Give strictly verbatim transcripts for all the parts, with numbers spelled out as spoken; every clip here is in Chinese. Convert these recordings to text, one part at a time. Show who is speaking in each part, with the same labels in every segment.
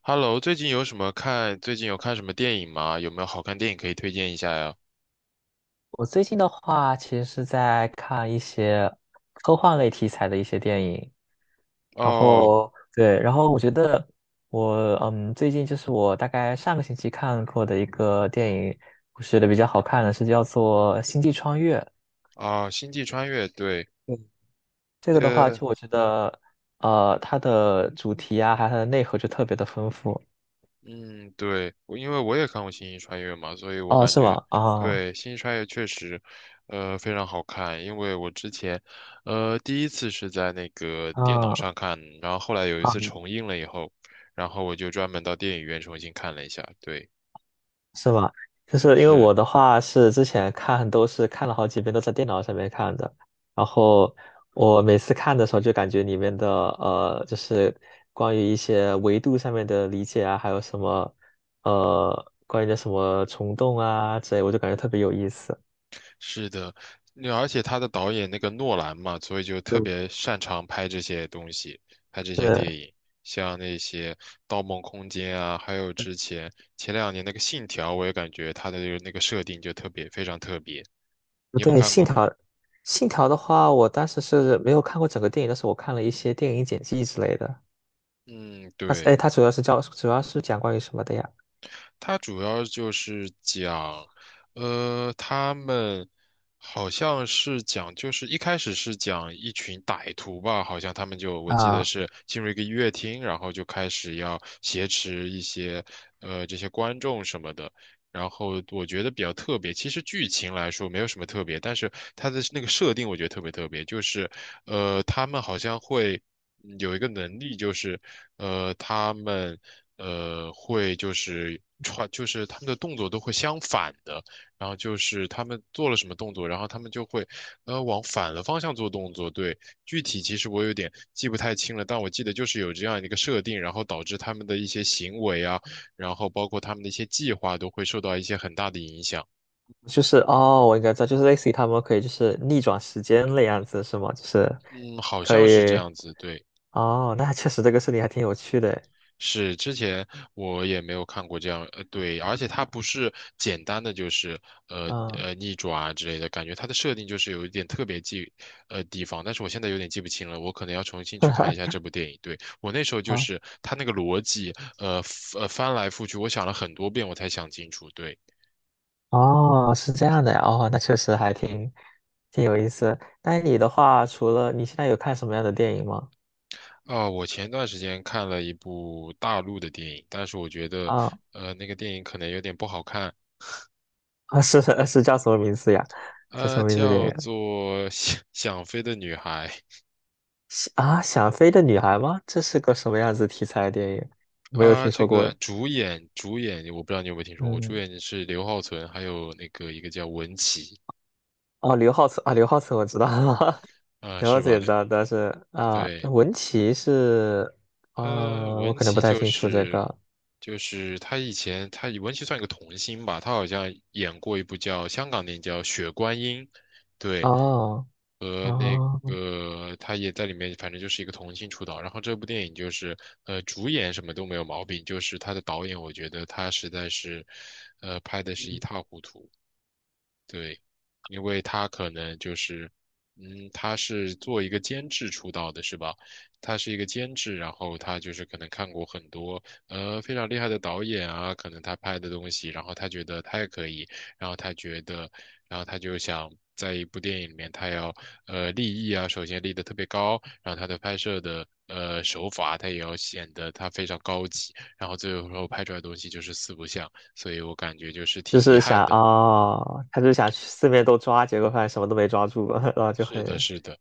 Speaker 1: Hello，最近有什么看？最近有看什么电影吗？有没有好看电影可以推荐一下呀？
Speaker 2: 我最近的话，其实是在看一些科幻类题材的一些电影，然
Speaker 1: 哦，
Speaker 2: 后对，然后我觉得我嗯，最近就是我大概上个星期看过的一个电影，我觉得比较好看的是叫做《星际穿越》。
Speaker 1: 啊，《星际穿越》对，
Speaker 2: 嗯这个的话，
Speaker 1: 呃，
Speaker 2: 就我觉得呃，它的主题啊，还有它的内核就特别的丰富。
Speaker 1: 嗯，对，我因为我也看过《星际穿越》嘛，所以我
Speaker 2: 哦，
Speaker 1: 感
Speaker 2: 是
Speaker 1: 觉
Speaker 2: 吗？啊
Speaker 1: 对《星际穿越》确实，呃，非常好看。因为我之前，呃，第一次是在那个电脑
Speaker 2: 啊
Speaker 1: 上看，然后后来有一
Speaker 2: 啊！
Speaker 1: 次重映了以后，然后我就专门到电影院重新看了一下。对，
Speaker 2: 是吗？就是因为
Speaker 1: 是。
Speaker 2: 我的话是之前看都是看了好几遍，都在电脑上面看的。然后我每次看的时候，就感觉里面的呃，就是关于一些维度上面的理解啊，还有什么呃，关于的什么虫洞啊之类，我就感觉特别有意思。
Speaker 1: 是的，那而且他的导演那个诺兰嘛，所以就特
Speaker 2: 对，
Speaker 1: 别擅长拍这些东西，拍这些
Speaker 2: 对，
Speaker 1: 电影，像那些《盗梦空间》啊，还有之前前两年那个《信条》，我也感觉他的那个设定就特别非常特别。你有
Speaker 2: 对，
Speaker 1: 看
Speaker 2: 信
Speaker 1: 过吗？
Speaker 2: 条，信条的话，我当时是没有看过整个电影，但是我看了一些电影剪辑之类的。
Speaker 1: 嗯，
Speaker 2: 它是，
Speaker 1: 对。
Speaker 2: 哎，它主要是教，主要是讲关于什么的呀？
Speaker 1: 它主要就是讲，呃，他们好像是讲，就是一开始是讲一群歹徒吧，好像他们就我记得
Speaker 2: 啊。
Speaker 1: 是进入一个音乐厅，然后就开始要挟持一些呃这些观众什么的。然后我觉得比较特别，其实剧情来说没有什么特别，但是它的那个设定我觉得特别特别，就是呃，他们好像会嗯有一个能力，就是呃，他们呃会就是穿，就是他们的动作都会相反的，然后就是他们做了什么动作，然后他们就会呃往反的方向做动作。对，具体其实我有点记不太清了，但我记得就是有这样一个设定，然后导致他们的一些行为啊。然后包括他们的一些计划都会受到一些很大的影响。
Speaker 2: 就是哦，我应该知道，就是类似于他们可以就是逆转时间那样子是吗？就是
Speaker 1: 嗯，好
Speaker 2: 可
Speaker 1: 像是这
Speaker 2: 以
Speaker 1: 样子，对。
Speaker 2: 哦，那确实这个事情还挺有趣的诶，
Speaker 1: 是，之前我也没有看过这样，呃，对，而且它不是简单的就是呃
Speaker 2: 嗯，
Speaker 1: 呃逆转啊之类的，感觉它的设定就是有一点特别记，呃地方，但是我现在有点记不清了，我可能要重新去看一下 这部电影。对，我那时候就
Speaker 2: 啊
Speaker 1: 是它那个逻辑，呃呃翻来覆去，我想了很多遍我才想清楚。对。
Speaker 2: 哦，是这样的呀，哦，那确实还挺挺有意思。那你的话，除了你现在有看什么样的电影吗？
Speaker 1: 啊，我前段时间看了一部大陆的电影，但是我觉得，
Speaker 2: 啊
Speaker 1: 呃，那个电影可能有点不好看，
Speaker 2: 啊，是是叫什么名字呀？叫什
Speaker 1: 呃，
Speaker 2: 么名字电
Speaker 1: 叫
Speaker 2: 影？
Speaker 1: 做《<laughs> 想想飞的女孩》
Speaker 2: 是啊，想飞的女孩吗？这是个什么样子题材的电影？没有
Speaker 1: 啊，
Speaker 2: 听
Speaker 1: 这
Speaker 2: 说过
Speaker 1: 个
Speaker 2: 诶。
Speaker 1: 主演主演我不知道你有没有听说过，主
Speaker 2: 嗯，
Speaker 1: 演是刘浩存，还有那个一个叫文淇，
Speaker 2: 哦，刘浩存啊，刘浩存我知道，
Speaker 1: 啊，
Speaker 2: 了
Speaker 1: 是吧？
Speaker 2: 解到，但是啊，那
Speaker 1: 对，
Speaker 2: 文琪是
Speaker 1: 呃，
Speaker 2: 啊，我
Speaker 1: 文
Speaker 2: 可能不
Speaker 1: 琪
Speaker 2: 太
Speaker 1: 就
Speaker 2: 清楚这
Speaker 1: 是
Speaker 2: 个
Speaker 1: 就是他以前他文琪算一个童星吧，他好像演过一部叫香港电影叫《雪观音》，对，
Speaker 2: 哦
Speaker 1: 和那
Speaker 2: 哦，
Speaker 1: 个他也在里面，反正就是一个童星出道。然后这部电影就是呃主演什么都没有毛病，就是他的导演我觉得他实在是呃拍的是一塌糊涂。对，因为他可能就是，嗯，他是做一个监制出道的，是吧？他是一个监制，然后他就是可能看过很多呃非常厉害的导演啊，可能他拍的东西，然后他觉得他也可以，然后他觉得，然后他就想在一部电影里面，他要呃立意啊，首先立得特别高，然后他的拍摄的呃手法，他也要显得他非常高级，然后最后拍出来的东西就是四不像，所以我感觉就是挺
Speaker 2: 就
Speaker 1: 遗
Speaker 2: 是
Speaker 1: 憾
Speaker 2: 想
Speaker 1: 的。
Speaker 2: 哦，他就想去四面都抓，结果发现什么都没抓住，然后就
Speaker 1: 是的，
Speaker 2: 很，
Speaker 1: 是的。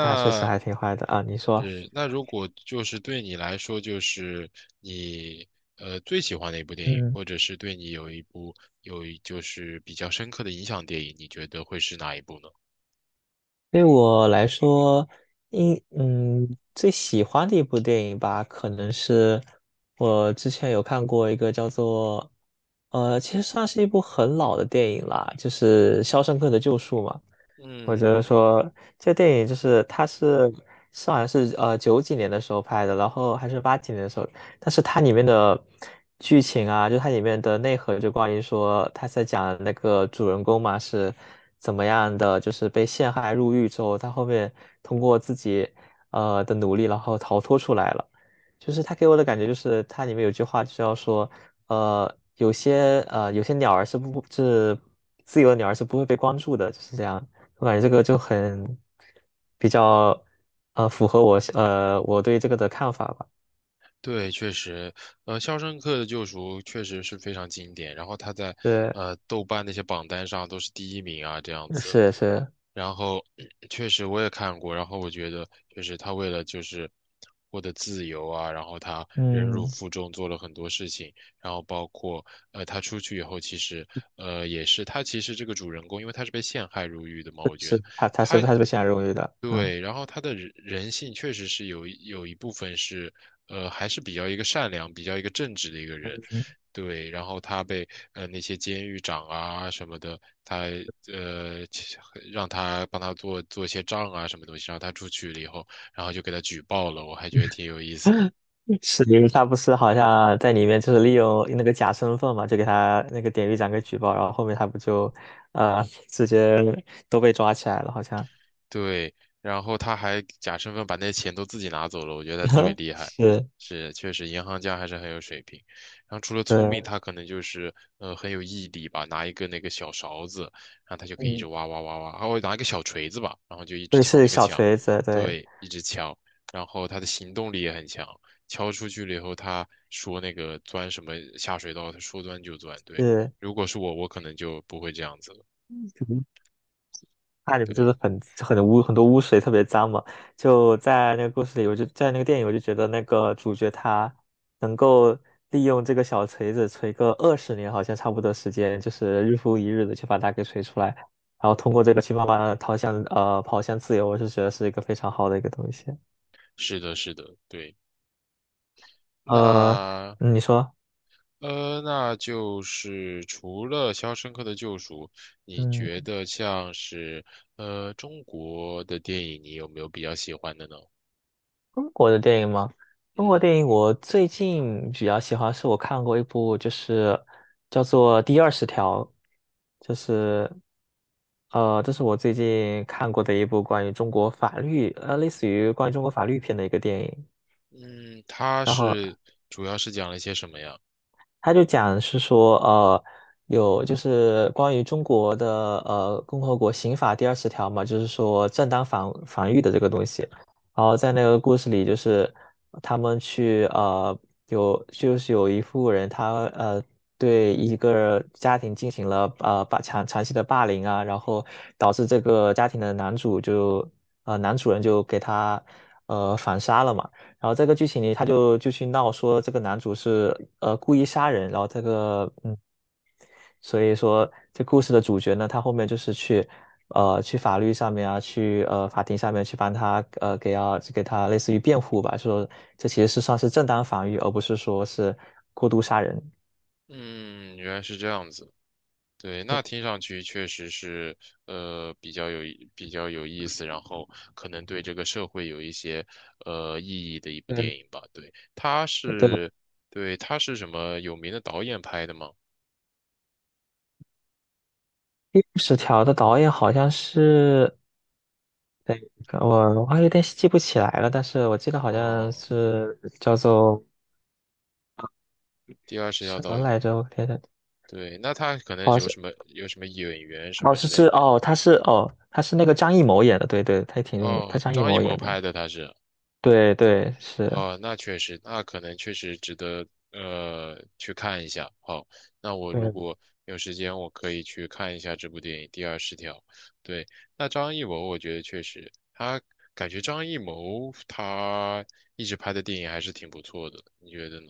Speaker 2: 那确实还挺坏的啊。你说，
Speaker 1: 是那如果就是对你来说，就是你呃最喜欢的一部电影，
Speaker 2: 嗯
Speaker 1: 或者是对你有一部有一就是比较深刻的影响电影，你觉得会是哪一部呢？
Speaker 2: 对我来说，应嗯最喜欢的一部电影吧，可能是我之前有看过一个叫做，呃，其实算是一部很老的电影啦，就是《肖申克的救赎》嘛。我觉
Speaker 1: 嗯
Speaker 2: 得
Speaker 1: 嗯
Speaker 2: 说这电影就是它是是好像是呃九几年的时候拍的，然后还是八几年的时候。但是它里面的剧情啊，就它里面的内核，就关于说他在讲那个主人公嘛是怎么样的，就是被陷害入狱之后，他后面通过自己呃的努力，然后逃脱出来了。就是他给我的感觉就是它里面有句话就是要说，呃，有些呃有些鸟儿是不是自由的鸟儿是不会被关注的，就是这样。我感觉这个就很比较呃符合我呃我对这个的看法吧。
Speaker 1: 对，确实，呃，《肖申克的救赎》确实是非常经典，然后它在
Speaker 2: 对。
Speaker 1: 呃豆瓣那些榜单上都是第一名啊，这样子。
Speaker 2: 是是，
Speaker 1: 然后确实我也看过，然后我觉得就是他为了就是获得自由啊，然后他忍辱
Speaker 2: 嗯，
Speaker 1: 负重做了很多事情，然后包括呃他出去以后，其实呃也是他其实这个主人公，因为他是被陷害入狱的嘛，我觉得。
Speaker 2: 是他他是他是被选荣誉的，嗯，
Speaker 1: 对，然后他的人人性确实是有一有一部分是，呃，还是比较一个善良、比较一个正直的一个人，对。然后他被呃那些监狱长啊什么的，他呃其让他帮他做做一些账啊什么东西，然后他出去了以后，然后就给他举报了，我还觉得挺有意思的。
Speaker 2: 嗯是因为他不是好像在里面就是利用那个假身份嘛，就给他那个典狱长给举报，然后后面他不就呃直接都被抓起来了，好像
Speaker 1: 对，然后他还假身份把那钱都自己拿走了，我觉得他特别 厉害。
Speaker 2: 是，
Speaker 1: 是，确实银行家还是很有水平。然后除了聪明，
Speaker 2: 对，
Speaker 1: 他可能就是呃很有毅力吧，拿一个那个小勺子，然后他就可以一直
Speaker 2: 嗯，
Speaker 1: 挖挖挖挖，还会拿一个小锤子吧，然后就一直
Speaker 2: 对，
Speaker 1: 敲
Speaker 2: 是
Speaker 1: 那个
Speaker 2: 小
Speaker 1: 墙，
Speaker 2: 锤子，对，
Speaker 1: 对，一直敲。然后他的行动力也很强，敲出去了以后，他说那个钻什么下水道，他说钻就钻。对，
Speaker 2: 是。
Speaker 1: 如果是我，我可能就不会这样子了。
Speaker 2: 那里不就
Speaker 1: 对，
Speaker 2: 是很很污很多污水，特别脏嘛？就在那个故事里，我就在那个电影，我就觉得那个主角他能够利用这个小锤子锤个二十年，好像差不多时间，就是日复一日的去把它给锤出来，然后通过这个去慢慢的逃向呃跑向自由，我是觉得是一个非常好的一个东西。
Speaker 1: 是的，是的，对。
Speaker 2: 呃，
Speaker 1: 那
Speaker 2: 嗯你说，
Speaker 1: 呃，那就是除了《肖申克的救赎》，你觉
Speaker 2: 嗯。
Speaker 1: 得像是呃中国的电影，你有没有比较喜欢的呢？
Speaker 2: 中国的电影吗？中国
Speaker 1: 嗯
Speaker 2: 电影我最近比较喜欢，是我看过一部，就是叫做《第二十条》，就是呃，这是我最近看过的一部关于中国法律，呃，类似于关于中国法律片的一个电影。
Speaker 1: 嗯，它
Speaker 2: 然后
Speaker 1: 是主要是讲了一些什么呀？
Speaker 2: 他就讲是说，呃，有就是关于中国的呃共和国刑法第二十条嘛，就是说正当防防御的这个东西。然后在那个故事里，就是他们去呃有就是有一户人他呃对一个家庭进行了呃霸强长期的霸凌啊，然后导致这个家庭的男主就呃男主人就给他呃反杀了嘛。然后这个剧情里他就就去闹说这个男主是呃故意杀人，然后这个嗯，所以说这故事的主角呢，他后面就是去呃去法律上面啊，去呃法庭上面去帮他呃给要给他类似于辩护吧，说这其实是算是正当防御，而不是说是过度杀人。
Speaker 1: 嗯，原来是这样子。对，那听上去确实是呃比较有意比较有意思，然后可能对这个社会有一些呃意义的一部电
Speaker 2: 对，
Speaker 1: 影吧。对，它
Speaker 2: 对，
Speaker 1: 是对它是什么有名的导演拍的吗？
Speaker 2: 第十条的导演好像是，对，我我还有点记不起来了，但是我记得好像
Speaker 1: 哦。
Speaker 2: 是叫做
Speaker 1: 第二十条
Speaker 2: 什么
Speaker 1: 导演，
Speaker 2: 来着？我天，
Speaker 1: 对，那他可能
Speaker 2: 好
Speaker 1: 是有
Speaker 2: 像
Speaker 1: 什么有什么演员什
Speaker 2: 哦
Speaker 1: 么之
Speaker 2: 是
Speaker 1: 类，
Speaker 2: 是
Speaker 1: 就是
Speaker 2: 哦，他是哦他是那个张艺谋演的，对对，他也挺有名，他
Speaker 1: 哦，
Speaker 2: 张艺
Speaker 1: 张艺
Speaker 2: 谋演
Speaker 1: 谋
Speaker 2: 的，
Speaker 1: 拍的他是，
Speaker 2: 对对是，
Speaker 1: 哦，那确实，那可能确实值得呃去看一下。好，那我如
Speaker 2: 对。
Speaker 1: 果有时间，我可以去看一下这部电影《第二十条》。对，那张艺谋，我觉得确实，他感觉张艺谋他一直拍的电影还是挺不错的，你觉得呢？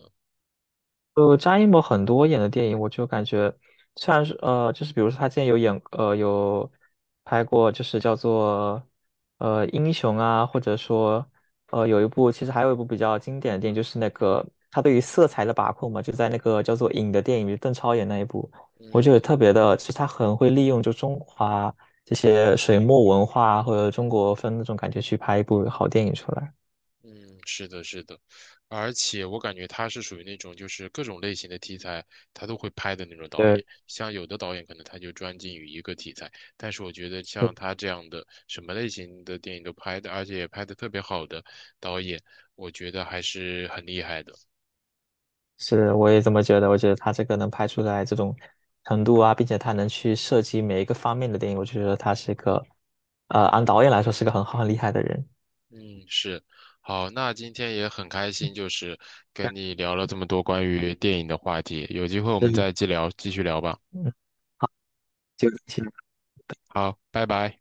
Speaker 2: 呃，张艺谋很多演的电影，我就感觉虽然是呃，就是比如说他之前有演呃有拍过，就是叫做呃英雄啊，或者说呃有一部其实还有一部比较经典的电影，就是那个他对于色彩的把控嘛，就在那个叫做《影》的电影里，邓超演那一部，我觉得
Speaker 1: 嗯。
Speaker 2: 特别的，其实他很会利用就中华这些水墨文化或者中国风那种感觉去拍一部好电影出来。
Speaker 1: 嗯，是的，是的，而且我感觉他是属于那种就是各种类型的题材他都会拍的那种导演。
Speaker 2: 对，
Speaker 1: 像有的导演可能他就专精于一个题材，但是我觉得像他这样的什么类型的电影都拍的，而且也拍的特别好的导演，我觉得还是很厉害的。
Speaker 2: 是，我也这么觉得。我觉得他这个能拍出来这种程度啊，并且他能去涉及每一个方面的电影，我就觉得他是一个，呃，按导演来说是个很好很厉害的人。
Speaker 1: 嗯，是。好，那今天也很开心，就是
Speaker 2: 但
Speaker 1: 跟你聊了这么多关于电影的话题，有机会我
Speaker 2: 是，
Speaker 1: 们再继聊，继续聊吧。
Speaker 2: 嗯，好，就。请。
Speaker 1: 好，拜拜。